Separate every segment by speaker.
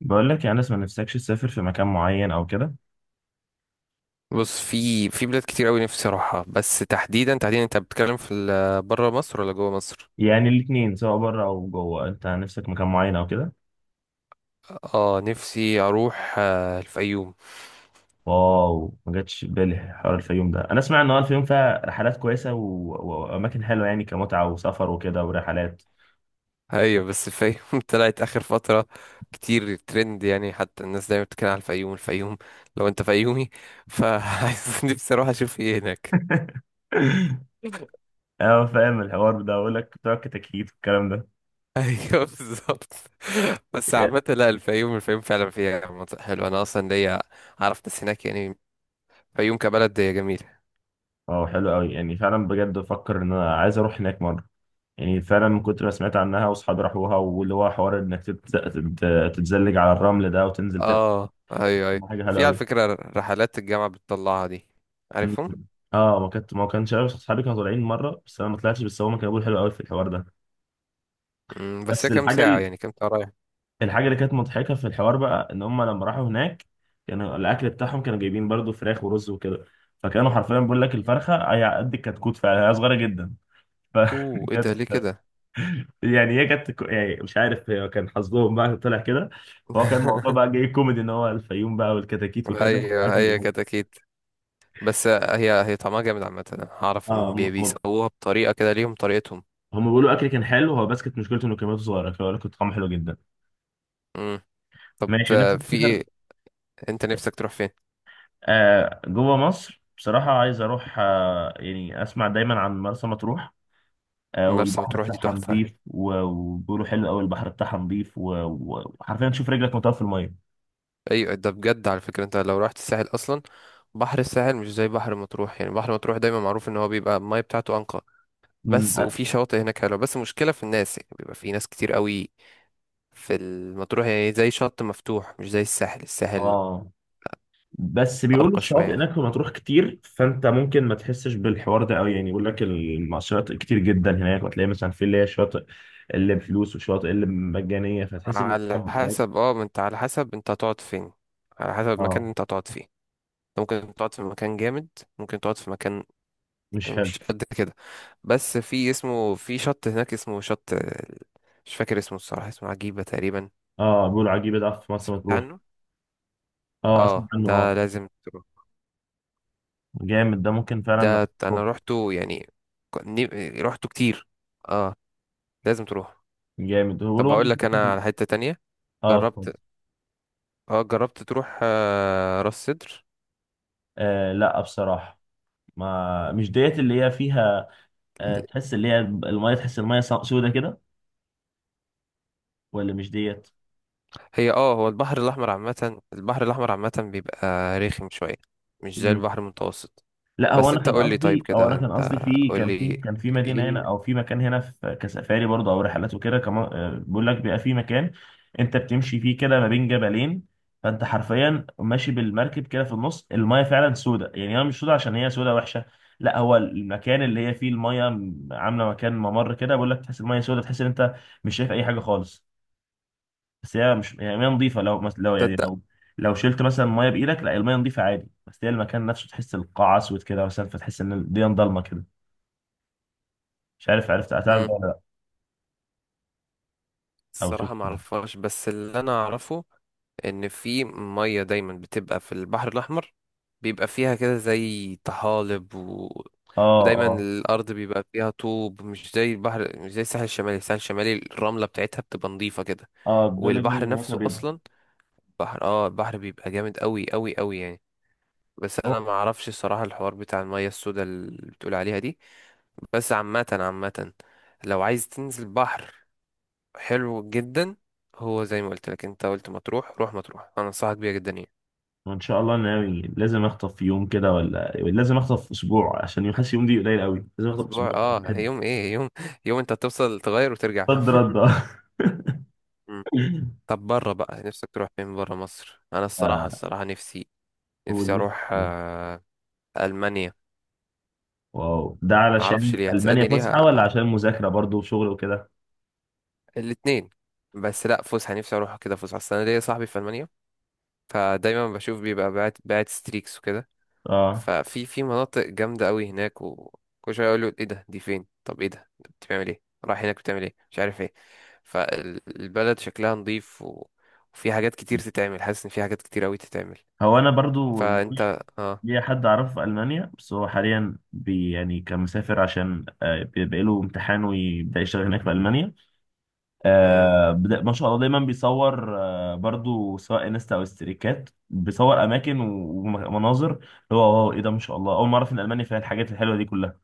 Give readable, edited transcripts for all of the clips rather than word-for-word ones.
Speaker 1: بقول لك يعني لسه ما نفسكش تسافر في مكان معين او كده؟
Speaker 2: بص، في بلاد كتير قوي نفسي اروحها. بس تحديدا تحديدا، انت بتتكلم في بره مصر ولا جوه مصر؟
Speaker 1: يعني الاثنين، سواء بره او جوه، انت نفسك مكان معين او كده؟
Speaker 2: اه، نفسي اروح الفيوم.
Speaker 1: واو، ما جاتش في بالي حوار الفيوم ده. انا اسمع ان هو الفيوم فيها رحلات كويسه واماكن حلوه يعني، كمتعه وسفر وكده ورحلات.
Speaker 2: ايوه، بس الفيوم طلعت اخر فتره كتير ترند، يعني حتى الناس دايما بتتكلم على الفيوم الفيوم لو انت فيومي، فعايز نفسي اروح اشوف ايه هناك.
Speaker 1: اه، فاهم الحوار ده، اقول لك بتوع كتاكيت والكلام ده.
Speaker 2: ايوه، بالظبط. بس عامة، لا، الفيوم الفيوم فعلا فيها مناطق حلوة، انا اصلا ليا اعرف ناس هناك يعني، الفيوم كبلد جميل.
Speaker 1: اه حلو قوي يعني، فعلا بجد بفكر ان انا عايز اروح هناك مره، يعني فعلا من كتر ما سمعت عنها واصحابي راحوها، واللي هو حوار انك تتزلج على الرمل ده وتنزل،
Speaker 2: اه، ايوه، ايوه.
Speaker 1: ما حاجه حلوه
Speaker 2: في، على
Speaker 1: قوي.
Speaker 2: فكرة، رحلات الجامعة بتطلعها دي، عارفهم.
Speaker 1: اه ما كانش عارف، اصحابي كانوا طالعين مره بس انا ما طلعتش، بس هم كانوا بيقولوا حلو قوي في الحوار ده.
Speaker 2: بس
Speaker 1: بس
Speaker 2: هي كام
Speaker 1: الحاجه
Speaker 2: ساعة،
Speaker 1: ال-
Speaker 2: يعني كام ساعة رايح؟
Speaker 1: الحاجه اللي كانت مضحكه في الحوار بقى، ان هم لما راحوا هناك كانوا الاكل بتاعهم كانوا جايبين برضو فراخ ورز وكده، فكانوا حرفيا بيقول لك الفرخه هي قد الكتكوت، فعلا هي صغيره جدا
Speaker 2: اوه، ايه ده،
Speaker 1: فكانت.
Speaker 2: ليه كده؟
Speaker 1: يعني هي كانت، يعني مش عارف، هي كان حظهم بقى طلع كده. فهو كان الموضوع بقى جاي كوميدي، ان هو الفيوم بقى والكتاكيت وكده
Speaker 2: ايوه، هي كده اكيد. بس هي طعمها جامد عامة، انا هعرف ان
Speaker 1: اه.
Speaker 2: بيسووها بطريقة كده، ليهم طريقتهم.
Speaker 1: هم بيقولوا اكل كان حلو هو، بس كانت مشكلته انه كميته صغيره، فبيقول لك كنت طعمه حلو جدا.
Speaker 2: مم. طب،
Speaker 1: ماشي، نفسي
Speaker 2: في
Speaker 1: اسافر.
Speaker 2: ايه؟ انت نفسك تروح فين؟
Speaker 1: آه جوه مصر بصراحه، عايز اروح، يعني اسمع دايما عن مرسى مطروح. آه،
Speaker 2: مرسى
Speaker 1: والبحر
Speaker 2: مطروح دي
Speaker 1: بتاعها
Speaker 2: تحفة.
Speaker 1: نظيف وبيقولوا حلو قوي، البحر بتاعها نظيف و- و- وحرفيا تشوف رجلك مطوه في الميه.
Speaker 2: ايوه، ده بجد، على فكرة، انت لو رحت الساحل اصلا، بحر الساحل مش زي بحر مطروح. يعني بحر مطروح دايما معروف ان هو بيبقى المية بتاعته انقى.
Speaker 1: مم.
Speaker 2: بس وفي شواطئ هناك حلوة، بس مشكلة في الناس يعني، بيبقى في ناس كتير قوي في المطروح، يعني زي شط مفتوح، مش زي الساحل الساحل.
Speaker 1: اه، بس بيقولوا
Speaker 2: أرقى
Speaker 1: الشواطئ
Speaker 2: شوية.
Speaker 1: هناك في مطروح كتير، فانت ممكن ما تحسش بالحوار ده قوي، يعني يقول لك الشواطئ كتير جدا هناك، وتلاقي مثلا في اللي هي شاطئ اللي بفلوس، وشواطئ اللي مجانيه، فتحس ان
Speaker 2: على حسب، ما انت على حسب، انت هتقعد فين، على حسب المكان
Speaker 1: اه،
Speaker 2: اللي انت هتقعد فيه. انت ممكن تقعد في مكان جامد، ممكن تقعد في مكان
Speaker 1: مش
Speaker 2: يعني
Speaker 1: حلو.
Speaker 2: مش قد كده. بس في، اسمه، في شط هناك اسمه شط. مش فاكر اسمه الصراحة، اسمه عجيبة تقريبا.
Speaker 1: اه بيقولوا عجيبة ده في مرسى
Speaker 2: سمعت
Speaker 1: مطروح.
Speaker 2: عنه.
Speaker 1: اه، اسمع
Speaker 2: اه،
Speaker 1: عنه
Speaker 2: ده
Speaker 1: اه.
Speaker 2: لازم تروح.
Speaker 1: جامد ده ممكن فعلا، نروح.
Speaker 2: ده انا روحته يعني. روحته كتير. اه، لازم تروح.
Speaker 1: جامد، هو
Speaker 2: طب،
Speaker 1: بيقولوا برضه
Speaker 2: هقول لك انا على حتة تانية.
Speaker 1: اه، اتفضل.
Speaker 2: جربت اه جربت تروح راس سدر؟
Speaker 1: آه لا بصراحة، ما مش ديت اللي هي فيها. آه، تحس المية سودة كده، ولا مش ديت.
Speaker 2: هي اه هو البحر الاحمر عامة، البحر الاحمر عامة بيبقى رخم شوية، مش زي البحر المتوسط.
Speaker 1: لا، هو
Speaker 2: بس
Speaker 1: انا
Speaker 2: انت
Speaker 1: كان
Speaker 2: قول لي طيب
Speaker 1: قصدي،
Speaker 2: كده، انت
Speaker 1: في،
Speaker 2: قول
Speaker 1: كان في
Speaker 2: لي
Speaker 1: كان في مدينه هنا،
Speaker 2: ايه.
Speaker 1: او في مكان هنا، في كسفاري برضه او رحلات وكده كمان. بيقول لك بيبقى في مكان انت بتمشي فيه كده ما بين جبلين، فانت حرفيا ماشي بالمركب كده في النص، المايه فعلا سودة. يعني هي مش سودة عشان هي سودة وحشه، لا، هو المكان اللي هي فيه المايه عامله مكان ممر كده. بيقول لك تحس المايه سودة، تحس ان انت مش شايف اي حاجه خالص، بس هي مش يعني ميه نظيفه. لو مثلا، لو يعني
Speaker 2: تصدق؟
Speaker 1: لو لو شلت مثلا ميه بايدك، لا، الميه نظيفه عادي، بس هي المكان نفسه تحس القاع اسود كده مثلا، فتحس ان الدنيا ضلمه كده. مش عارف، هتعرف
Speaker 2: مم.
Speaker 1: ده ولا لا، او
Speaker 2: الصراحة
Speaker 1: شفت.
Speaker 2: ما اعرفهاش، بس اللي انا اعرفه ان في ميه دايما بتبقى في البحر الاحمر، بيبقى فيها كده زي طحالب
Speaker 1: اه
Speaker 2: ودايما
Speaker 1: اه
Speaker 2: الارض بيبقى فيها طوب، مش زي البحر، مش زي الساحل الشمالي، الساحل الشمالي الرمله بتاعتها بتبقى نظيفه كده.
Speaker 1: اه، بيقول لك دي
Speaker 2: والبحر
Speaker 1: من الوقت
Speaker 2: نفسه
Speaker 1: بيض.
Speaker 2: اصلا، بحر اه البحر بيبقى جامد قوي قوي قوي يعني. بس انا
Speaker 1: اه،
Speaker 2: ما اعرفش الصراحه الحوار بتاع الميه السوداء اللي بتقول عليها دي. بس عامه عامه، لو عايز تنزل بحر حلو جدا، هو زي ما قلت لك، انت قلت مطروح، روح مطروح، انا انصحك بيها جدا يعني.
Speaker 1: وان شاء الله ناوي، لازم اخطف في يوم كده، ولا يعني لازم اخطف في اسبوع، عشان يوم حاسس يوم دي قليل قوي، لازم اخطف في
Speaker 2: اسبوع،
Speaker 1: اسبوع بحب.
Speaker 2: يوم ايه، يوم. يوم انت هتوصل تغير وترجع،
Speaker 1: صد
Speaker 2: فاهم؟
Speaker 1: رد اه.
Speaker 2: مم. طب، بره بقى نفسك تروح فين؟ بره مصر انا الصراحه
Speaker 1: آه،
Speaker 2: الصراحه نفسي، نفسي
Speaker 1: اول
Speaker 2: اروح
Speaker 1: نفسي.
Speaker 2: المانيا.
Speaker 1: واو، ده
Speaker 2: ما اعرفش
Speaker 1: علشان
Speaker 2: ليه،
Speaker 1: المانيا
Speaker 2: هتسالني ليه
Speaker 1: فسحه ولا
Speaker 2: ه-
Speaker 1: عشان مذاكره برضو وشغل وكده؟
Speaker 2: الاتنين. بس لا، فسحه، نفسي اروح كده فسحه، اصل انا ليا صاحبي في المانيا. فدايما بشوف بيبقى باعت ستريكس وكده.
Speaker 1: اه،
Speaker 2: ففي مناطق جامدة قوي هناك، وكل شوية يقولوا ايه ده، دي فين، طب ايه ده، أنت بتعمل ايه، رايح هناك بتعمل ايه، مش عارف ايه. فالبلد شكلها نظيف وفي حاجات كتير تتعمل، حاسس ان في حاجات كتير قوي تتعمل،
Speaker 1: هو انا برضو ليا
Speaker 2: فانت اه
Speaker 1: ليا حد اعرفه في المانيا، بس هو حاليا بي يعني كان مسافر، عشان بيبقى له امتحان ويبدا يشتغل هناك في المانيا.
Speaker 2: مم.
Speaker 1: ما شاء الله، دايما بيصور، برضو، سواء انستا او استريكات، بيصور اماكن و- ومناظر، اللي هو، واو ايه ده، ما شاء الله، اول مره اعرف ان المانيا فيها الحاجات الحلوه دي كلها.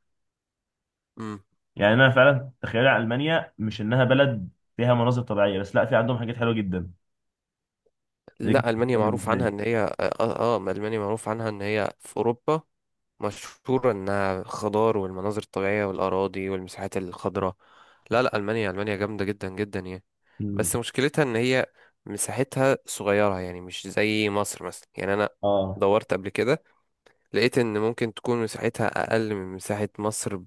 Speaker 2: مم.
Speaker 1: يعني انا فعلا تخيل المانيا مش انها بلد فيها مناظر طبيعيه بس، لا، في عندهم حاجات حلوه جدا. دي كانت
Speaker 2: لا، المانيا معروف
Speaker 1: بالنسبه لي.
Speaker 2: عنها ان هي المانيا معروف عنها ان هي في اوروبا، مشهورة إنها خضار والمناظر الطبيعية والأراضي والمساحات الخضراء. لا، لا، ألمانيا ألمانيا جامدة جدا جدا يعني.
Speaker 1: مم.
Speaker 2: بس مشكلتها إن هي مساحتها صغيرة، يعني مش زي مصر مثلا. يعني أنا
Speaker 1: اه،
Speaker 2: دورت قبل كده، لقيت إن ممكن تكون مساحتها أقل من مساحة مصر،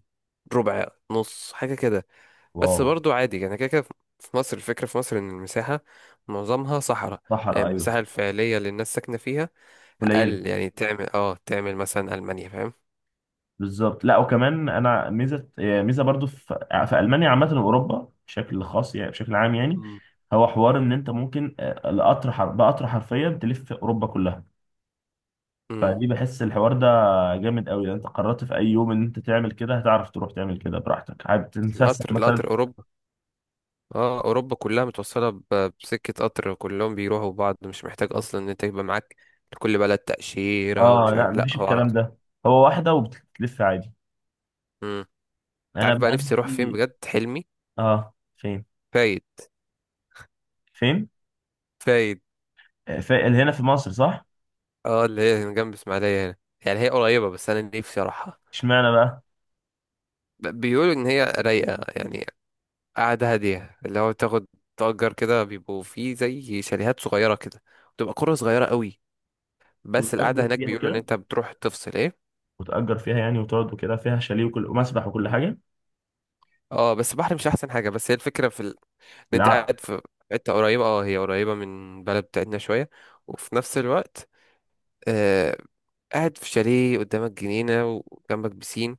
Speaker 2: ربع نص حاجة كده. بس
Speaker 1: واو.
Speaker 2: برضو عادي يعني كده كده. في مصر الفكرة، في مصر إن المساحة معظمها صحراء، يعني
Speaker 1: صحراء، ايوه.
Speaker 2: المساحة الفعلية اللي الناس ساكنة فيها
Speaker 1: قليل.
Speaker 2: أقل، يعني تعمل مثلا ألمانيا.
Speaker 1: بالظبط. لا وكمان انا ميزه، يعني برضو في المانيا عامه، واوروبا بشكل خاص، يعني بشكل عام يعني.
Speaker 2: فاهم؟
Speaker 1: هو حوار ان انت ممكن، بقطر حرفيا تلف في اوروبا كلها،
Speaker 2: امم
Speaker 1: فدي بحس الحوار ده جامد قوي. لو انت قررت في اي يوم ان انت تعمل كده، هتعرف تروح تعمل كده براحتك، عايز تتفسح
Speaker 2: القطر
Speaker 1: مثلا.
Speaker 2: القطر اوروبا، اه اوروبا كلها متوصله بسكه قطر، كلهم بيروحوا بعض، مش محتاج اصلا ان انت يبقى معاك لكل بلد تاشيره
Speaker 1: اه
Speaker 2: ومش
Speaker 1: لا،
Speaker 2: عارف، لا
Speaker 1: مفيش
Speaker 2: هو على
Speaker 1: الكلام
Speaker 2: طول.
Speaker 1: ده، هو واحده وبتلف عادي.
Speaker 2: امم انت
Speaker 1: انا
Speaker 2: عارف بقى
Speaker 1: بقى
Speaker 2: نفسي اروح فين
Speaker 1: نفسي-
Speaker 2: بجد؟ حلمي،
Speaker 1: اه، فين
Speaker 2: فايد
Speaker 1: فين
Speaker 2: فايد.
Speaker 1: في هنا في مصر صح؟
Speaker 2: اه، اللي هي هنا جنب اسماعيليه هنا، يعني هي قريبه بس انا نفسي اروحها.
Speaker 1: اشمعنى بقى؟
Speaker 2: بيقولوا ان هي رايقه يعني، قاعده هاديه، اللي هو تاخد تأجر كده، بيبقوا فيه زي شاليهات صغيره كده، بتبقى قرى صغيره قوي. بس
Speaker 1: وتأجر
Speaker 2: القعده هناك
Speaker 1: فيها
Speaker 2: بيقولوا ان
Speaker 1: وكده
Speaker 2: انت بتروح تفصل ايه.
Speaker 1: وتأجر فيها يعني، وتقعد وكده، فيها شاليه وكل ومسبح وكل حاجة.
Speaker 2: اه، بس البحر مش احسن حاجه، بس هي الفكره في ان انت
Speaker 1: بالعقل.
Speaker 2: قاعد في حته قريبه، هي قريبه من بلد بتاعتنا شويه، وفي نفس الوقت، آه قاعد في شاليه قدامك جنينه، وجنبك بسين،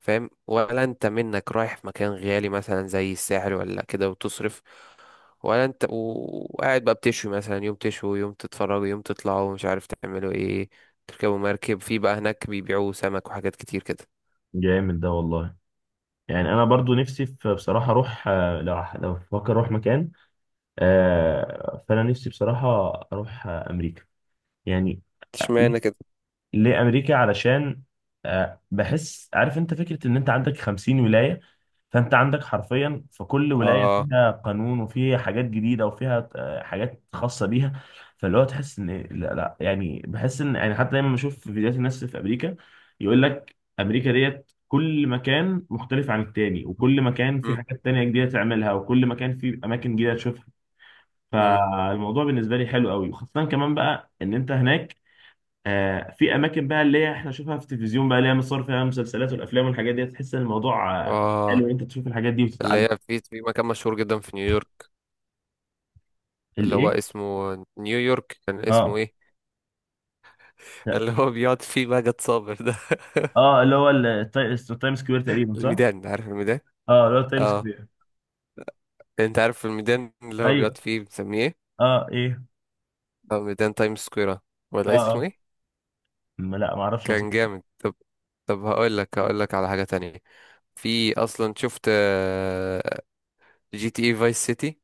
Speaker 2: فاهم؟ ولا انت منك رايح في مكان غالي مثلا زي الساحل ولا كده وتصرف، ولا انت وقاعد بقى بتشوي، مثلا يوم تشوي، يوم تتفرجوا، يوم تطلعوا مش عارف تعملوا ايه، تركبوا مركب، في بقى هناك بيبيعوا سمك وحاجات كتير كده.
Speaker 1: جامد ده والله. يعني انا برضو نفسي في بصراحه اروح، لو بفكر اروح مكان. فانا نفسي بصراحه اروح امريكا، يعني.
Speaker 2: اشمعنى كده؟
Speaker 1: ليه امريكا؟ علشان بحس، عارف انت فكره ان انت عندك 50 ولايه، فانت عندك حرفيا في كل ولايه
Speaker 2: اه.
Speaker 1: فيها قانون، وفيها حاجات جديده، وفيها حاجات خاصه بيها. فاللي هو تحس ان، لا لا، يعني بحس ان، يعني حتى دايما بشوف في فيديوهات الناس في امريكا، يقول لك امريكا ديت كل مكان مختلف عن التاني، وكل مكان في
Speaker 2: مم.
Speaker 1: حاجات تانية جديده تعملها، وكل مكان في اماكن جديده تشوفها.
Speaker 2: مم.
Speaker 1: فالموضوع بالنسبه لي حلو قوي، وخاصه كمان بقى ان انت هناك في اماكن بقى اللي هي احنا نشوفها في التلفزيون بقى، اللي هي مصور فيها المسلسلات والافلام والحاجات دي، تحس ان الموضوع حلو،
Speaker 2: اه،
Speaker 1: إن انت تشوف الحاجات دي
Speaker 2: اللي
Speaker 1: وتتعلم.
Speaker 2: هي في مكان مشهور جدا في نيويورك، اللي هو
Speaker 1: الايه؟
Speaker 2: اسمه نيويورك، كان اسمه
Speaker 1: اه
Speaker 2: ايه؟
Speaker 1: لا.
Speaker 2: اللي هو بيقعد فيه ماجد صابر ده.
Speaker 1: اه، اللي هو التايم سكوير تقريبا، صح؟
Speaker 2: الميدان، عارف الميدان؟
Speaker 1: اه، اللي هو التايم
Speaker 2: اه،
Speaker 1: سكوير.
Speaker 2: انت عارف الميدان اللي هو
Speaker 1: ايوه.
Speaker 2: بيقعد فيه بنسميه ايه؟
Speaker 1: اه ايه.
Speaker 2: اه، ميدان تايم سكوير،
Speaker 1: اه
Speaker 2: ولا اسمه
Speaker 1: اه.
Speaker 2: ايه؟
Speaker 1: لا، ما اعرفش
Speaker 2: كان جامد. طب، هقول لك على حاجة تانية. في اصلا، شفت GTA فايس سيتي؟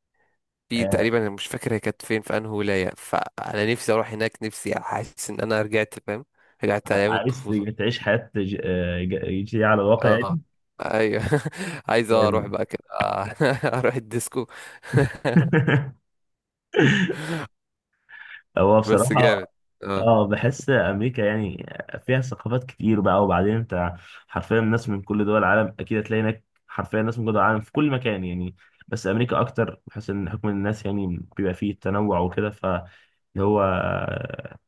Speaker 2: في
Speaker 1: آه.
Speaker 2: تقريبا أنا مش فاكر هي كانت فين، في انهي ولاية، فانا نفسي اروح هناك. نفسي احس ان انا رجعت، فاهم؟ رجعت ايام
Speaker 1: عايز
Speaker 2: الطفولة.
Speaker 1: تعيش حياه، جديده على الواقع
Speaker 2: اه،
Speaker 1: يعني.
Speaker 2: ايوه. عايز اروح
Speaker 1: آم.
Speaker 2: بقى كده، اروح الديسكو.
Speaker 1: هو
Speaker 2: بس جامد
Speaker 1: بصراحة،
Speaker 2: اه
Speaker 1: اه بحس امريكا يعني فيها ثقافات كتير بقى. وبعدين انت حرفيا ناس من كل دول العالم اكيد هتلاقي هناك، حرفيا ناس من كل دول العالم في كل مكان يعني، بس امريكا اكتر، بحس ان حكم الناس يعني بيبقى فيه تنوع وكده، فاللي هو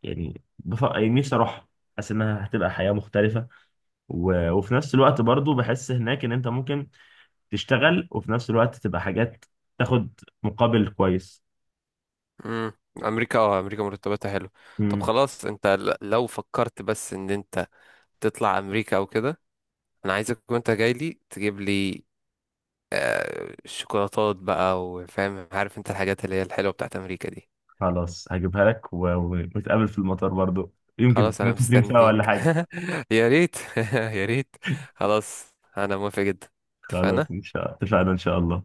Speaker 1: يعني نفسي اروح، حاسس انها هتبقى حياة مختلفة. و... وفي نفس الوقت برضو بحس هناك ان انت ممكن تشتغل، وفي نفس الوقت تبقى حاجات تاخد مقابل كويس.
Speaker 2: امم امريكا مرتباتها حلو. طب خلاص، انت لو فكرت بس ان انت تطلع امريكا او كده، انا عايزك وانت جاي لي تجيب لي شوكولاتات بقى، وفاهم، عارف انت الحاجات اللي هي الحلوه بتاعت امريكا دي.
Speaker 1: خلاص هجيبها لك، و- ونتقابل في المطار برضو، يمكن
Speaker 2: خلاص انا
Speaker 1: نتكلم سوا ولا
Speaker 2: مستنيك.
Speaker 1: حاجة.
Speaker 2: يا ريت. يا ريت. خلاص، انا موافق جدا.
Speaker 1: خلاص، إن
Speaker 2: اتفقنا.
Speaker 1: شاء الله، اتفقنا إن شاء الله.